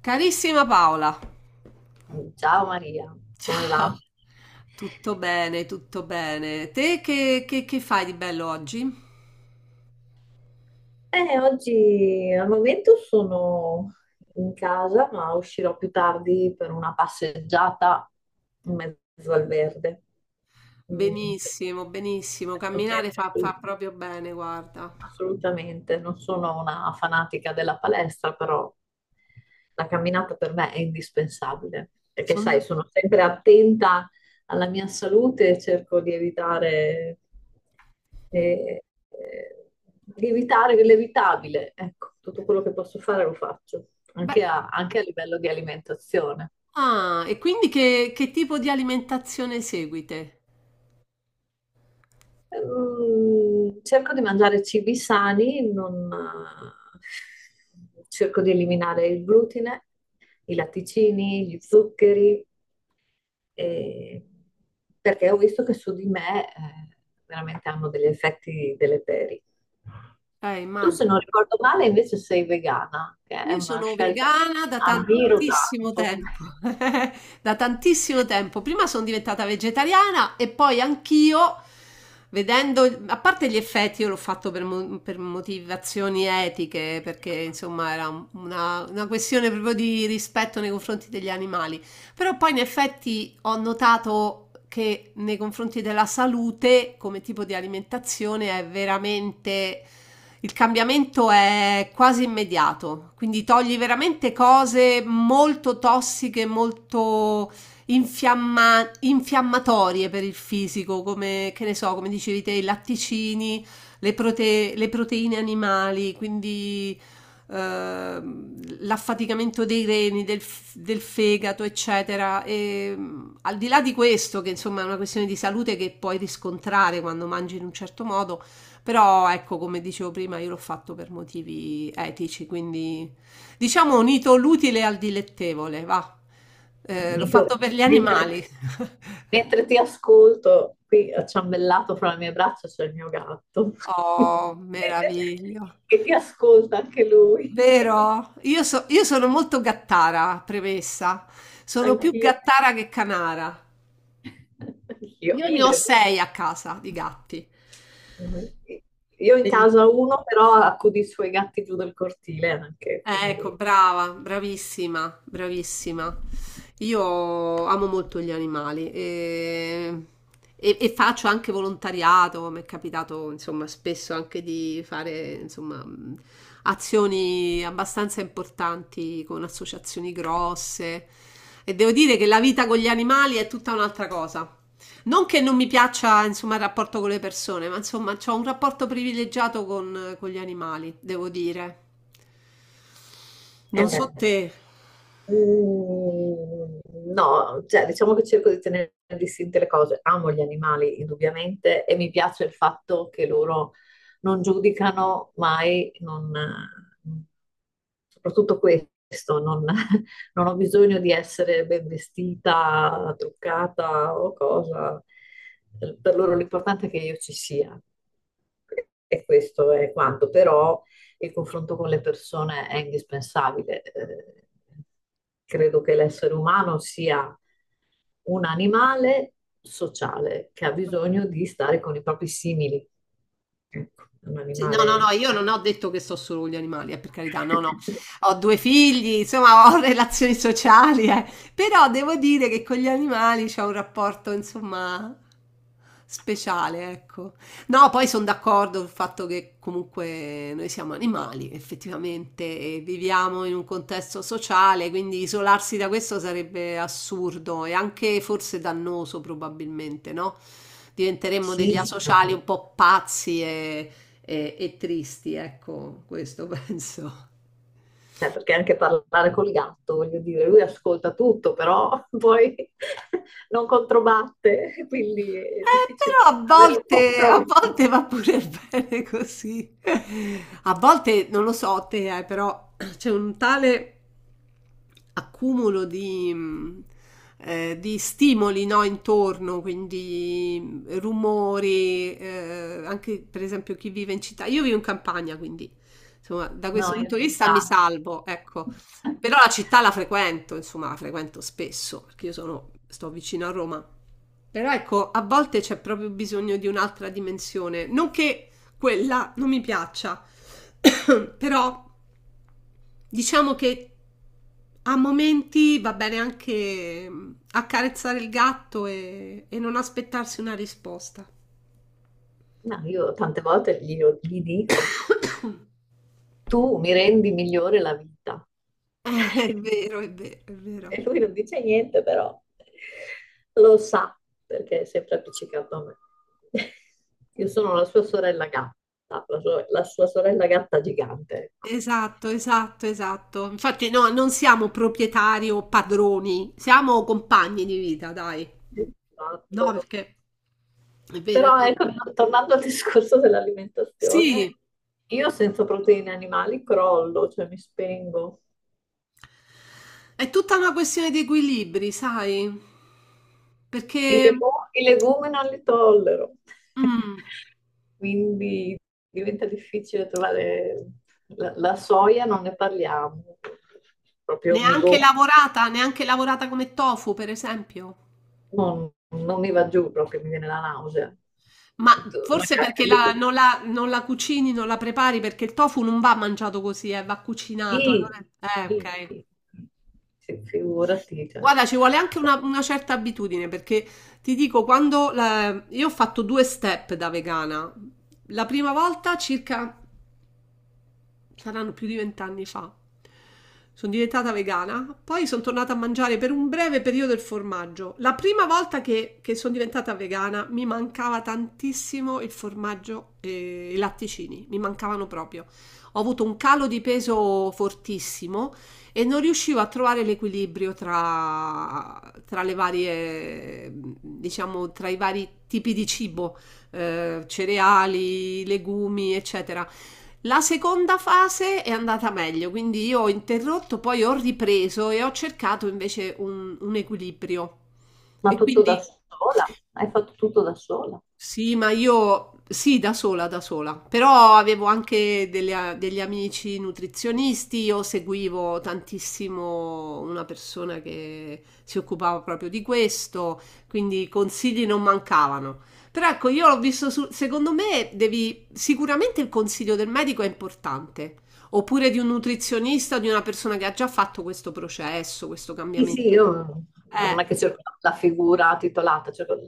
Carissima Paola, Ciao Maria, come ciao, va? tutto bene, tutto bene. Te che fai di bello oggi? Oggi al momento sono in casa, ma uscirò più tardi per una passeggiata in mezzo al verde. Mm, Benissimo, benissimo, cerco camminare sempre- fa proprio bene, guarda. assolutamente, non sono una fanatica della palestra, però la camminata per me è indispensabile, perché Son sai, da- sono sempre attenta alla mia salute e cerco eh, eh, di evitare l'evitabile. Ecco, tutto quello che posso fare lo faccio, Beh, anche a anche a livello di alimentazione. E quindi che tipo di alimentazione seguite? Mm, cerco di mangiare cibi sani, non, cerco di eliminare il glutine, i latticini, gli zuccheri, e- perché ho visto che su di me, veramente hanno degli effetti deleteri. Tu, se non Immagino. ricordo male, invece sei vegana, che è Io una sono scelta che vegana da ammiro tantissimo tanto. tempo, da tantissimo tempo. Prima sono diventata vegetariana e poi anch'io, vedendo, a parte gli effetti, io l'ho fatto per, per motivazioni etiche, perché insomma era una questione proprio di rispetto nei confronti degli animali. Però poi in effetti ho notato che nei confronti della salute come tipo di alimentazione è veramente il cambiamento è quasi immediato, quindi togli veramente cose molto tossiche, molto infiammatorie per il fisico, come che ne so, come dicevi te, i latticini, le proteine animali, quindi ehm, l'affaticamento dei reni, del fegato, eccetera. E, al di là di questo, che insomma è una questione di salute che puoi riscontrare quando mangi in un certo modo, però ecco, come dicevo prima, io l'ho fatto per motivi etici, quindi diciamo ho unito l'utile al dilettevole, va. L'ho Nico, fatto per gli mentre, animali. mentre ti ascolto, qui acciambellato fra le mie braccia c'è il mio gatto, Oh, meraviglio. che ti ascolta anche lui, Vero? Io sono molto gattara, premessa. Sono più anch'io, gattara che canara. anch'io, Io ne ho idem. sei a casa di gatti. Io in casa ho uno, però accudo i suoi gatti giù dal cortile anche, Ecco, quindi... brava, bravissima, bravissima. Io amo molto gli animali e faccio anche volontariato, mi è capitato insomma spesso anche di fare insomma azioni abbastanza importanti con associazioni grosse e devo dire che la vita con gli animali è tutta un'altra cosa. Non che non mi piaccia insomma il rapporto con le persone, ma insomma ho un rapporto privilegiato con gli animali, devo dire. Eh Non so beh. te. Mm, no, cioè diciamo che cerco di tenere distinte le cose. Amo gli animali, indubbiamente, e mi piace il fatto che loro non giudicano mai, soprattutto questo, non, non ho bisogno di essere ben vestita, truccata o cosa. Per loro l'importante è che io ci sia. E questo è quanto, però il confronto con le persone è indispensabile. Credo che l'essere umano sia un animale sociale che ha bisogno di stare con i propri simili. Ecco, è un Sì, no, no, no, animale... io non ho detto che so solo con gli animali, per carità, no, no, ho due figli, insomma, ho relazioni sociali, eh. Però devo dire che con gli animali c'è un rapporto, insomma, speciale, ecco. No, poi sono d'accordo sul fatto che comunque noi siamo animali, effettivamente, e viviamo in un contesto sociale, quindi isolarsi da questo sarebbe assurdo e anche forse dannoso, probabilmente, no? Diventeremmo degli, Sì, sì, sì, no. asociali un po' pazzi e tristi, ecco questo penso. Cioè, perché anche parlare col gatto, voglio dire, lui ascolta tutto, però poi non controbatte, quindi è difficile Però a avere un volte, a volte confronto. va pure bene così. A volte, non lo so te, però c'è un tale accumulo di stimoli, no, intorno, quindi rumori, anche per esempio chi vive in città. Io vivo in campagna, quindi insomma, da No, questo in punto di vista mi realtà. salvo, ecco. Però la città la frequento, insomma, la frequento spesso, perché sto vicino a Roma. Però ecco, a volte c'è proprio bisogno di un'altra dimensione. Non che quella non mi piaccia, però diciamo che a momenti va bene anche accarezzare il gatto e non aspettarsi una risposta. Ma io tante volte gli dico, tu mi rendi migliore la vita. È vero, è vero, è E vero. lui non dice niente, però lo sa, perché è sempre appiccicato a me. Io sono la sua sorella gatta, la sua sorella gatta gigante, ecco. Esatto, esatto, esatto. Infatti, no, non siamo proprietari o padroni, siamo compagni di vita, dai. Esatto. No, perché è vero, è Però vero. ecco, tornando al discorso dell'alimentazione, Sì. io senza proteine animali crollo, cioè mi spengo. È tutta una questione di equilibri, sai? Perché Sì. I legumi non li tollero. mm, Quindi diventa difficile trovare la soia, non ne parliamo. Proprio mi Neanche go- lavorata, neanche lavorata come tofu, per esempio. non, non mi va giù, proprio mi viene la nausea. Ma forse perché la- Magari- non la, non la cucini, non la prepari, perché il tofu non va mangiato così, va cucinato. sì, Allora, sì, ok. sì, figurati, cioè. Guarda, ci vuole anche una certa abitudine, perché ti dico, io ho fatto due step da vegana. La prima volta circa saranno più di vent'anni fa. Sono diventata vegana, poi sono tornata a mangiare per un breve periodo il formaggio. La prima volta che sono diventata vegana mi mancava tantissimo il formaggio e i latticini, mi mancavano proprio. Ho avuto un calo di peso fortissimo e non riuscivo a trovare l'equilibrio tra le varie, diciamo, tra i vari tipi di cibo, cereali, legumi, eccetera. La seconda fase è andata meglio, quindi io ho interrotto, poi ho ripreso e ho cercato invece un equilibrio. Ma E tutto da quindi sola? Hai fatto tutto da sola? sì, ma io sì, da sola, però avevo anche degli amici nutrizionisti, io seguivo tantissimo una persona che si occupava proprio di questo, quindi consigli non mancavano. Però ecco, io l'ho visto, secondo me devi, sicuramente il consiglio del medico è importante, oppure di un nutrizionista, di una persona che ha già fatto questo processo, questo Sì, sì, cambiamento. io Eh, non è che cerco la figura titolata, cerco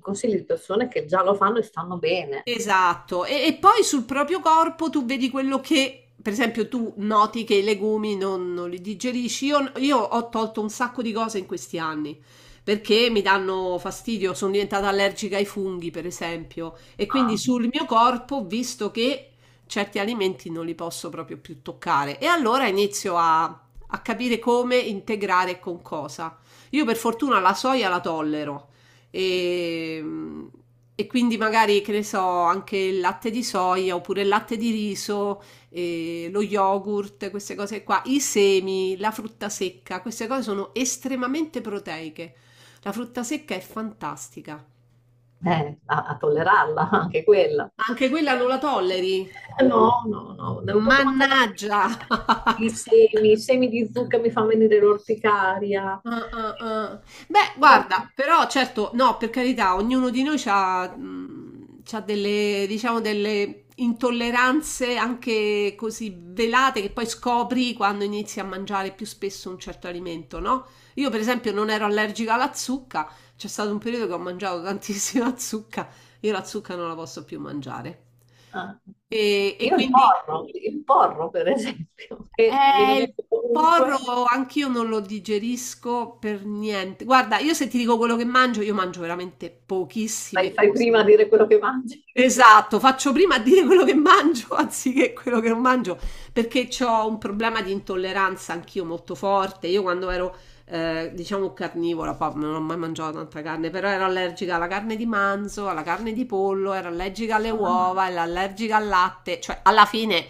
consigli di persone che già lo fanno e stanno bene Esatto, e poi sul proprio corpo tu vedi quello che, per esempio, tu noti che i legumi non li digerisci. Io ho tolto un sacco di cose in questi anni perché mi danno fastidio, sono diventata allergica ai funghi, per esempio, e quindi a, sul mio corpo ho visto che certi alimenti non li posso proprio più toccare. E allora inizio a capire come integrare e con cosa. Io per fortuna la soia la tollero e, e quindi magari, che ne so, anche il latte di soia oppure il latte di riso, lo yogurt, queste cose qua, i semi, la frutta secca, queste cose sono estremamente proteiche. La frutta secca è fantastica. A tollerarla, anche quella. Anche quella non Io- la tolleri? no, no, no, devo proprio mangiarne Mannaggia! pochissime. I semi di zucca mi fanno venire l'orticaria. Ah, ah, ah. Beh, No, guarda, però certo, no, per carità, ognuno di noi ha delle, diciamo, delle intolleranze anche così velate che poi scopri quando inizi a mangiare più spesso un certo alimento, no? Io, per esempio, non ero allergica alla zucca, c'è stato un periodo che ho mangiato tantissima zucca, io la zucca non la posso più mangiare. ah, E io quindi il porro per esempio, che viene il messo ovunque, porro anch'io non lo digerisco per niente. Guarda, io se ti dico quello che mangio, io mangio veramente fai, pochissime fai cose. prima a dire quello che mangi. che- Esatto, faccio prima a dire quello che mangio anziché quello che non mangio, perché ho un problema di intolleranza anch'io molto forte. Io quando ero, diciamo, carnivora, poi non ho mai mangiato tanta carne, però ero allergica alla carne di manzo, alla carne di pollo, ero allergica alle ah, uova, ero allergica al latte, cioè alla fine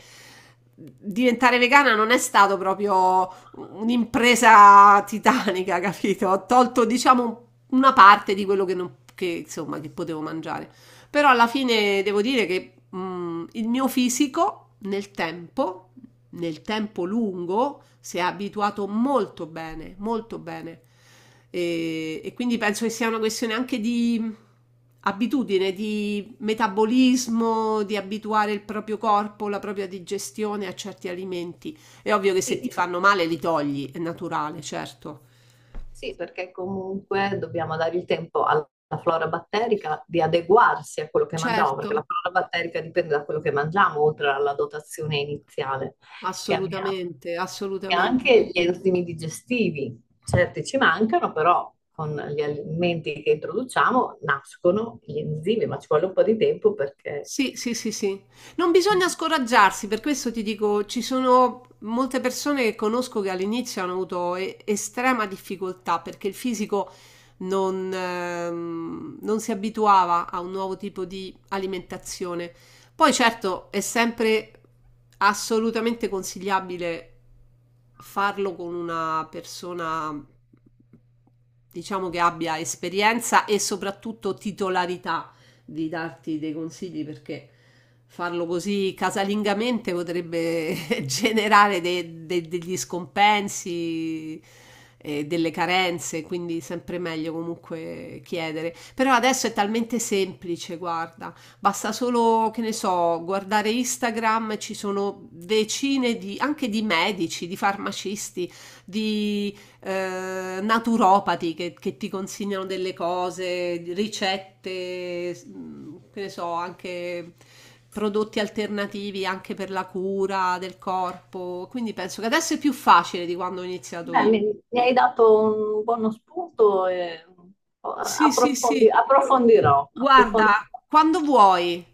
diventare vegana non è stato proprio un'impresa titanica, capito? Ho tolto, diciamo, una parte di quello che non, che, insomma, che potevo mangiare. Però alla fine devo dire che il mio fisico nel tempo lungo, si è abituato molto bene, molto bene. E quindi penso che sia una questione anche di abitudine, di metabolismo, di abituare il proprio corpo, la propria digestione a certi alimenti. È ovvio che se sì, ti fanno male li togli, è naturale, certo. sì, perché comunque dobbiamo dare il tempo alla flora batterica di adeguarsi a quello che mangiamo, Certo, perché la flora batterica dipende da quello che mangiamo, oltre alla dotazione iniziale che abbiamo. assolutamente, E anche assolutamente. gli enzimi digestivi, certi ci mancano, però con gli alimenti che introduciamo nascono gli enzimi, ma ci vuole un po' di tempo perché... Sì, sì, sì, sì. Non bisogna scoraggiarsi, per questo ti dico, ci sono molte persone che conosco che all'inizio hanno avuto estrema difficoltà perché il fisico non si abituava a un nuovo tipo di alimentazione. Poi certo è sempre assolutamente consigliabile farlo con una persona, diciamo, che abbia esperienza e soprattutto titolarità di darti dei consigli perché farlo così casalingamente potrebbe generare degli scompensi e delle carenze, quindi sempre meglio comunque chiedere. Però adesso è talmente semplice, guarda, basta solo, che ne so, guardare Instagram, ci sono decine di, anche di medici, di farmacisti, di naturopati che ti consigliano delle cose, ricette, che ne so, anche prodotti alternativi anche per la cura del corpo. Quindi penso che adesso è più facile di quando ho iniziato Beh, io. Mi hai dato un buono spunto e oh, Sì, sì, sì. approfondirò, approfondirò. Guarda, quando vuoi,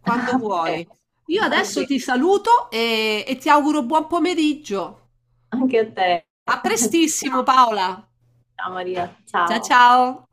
quando Ok, vuoi. Io va adesso bene. ti saluto e ti auguro buon pomeriggio. Anche a te. A prestissimo, Ciao, Paola. ciao Maria. Ciao Ciao. ciao.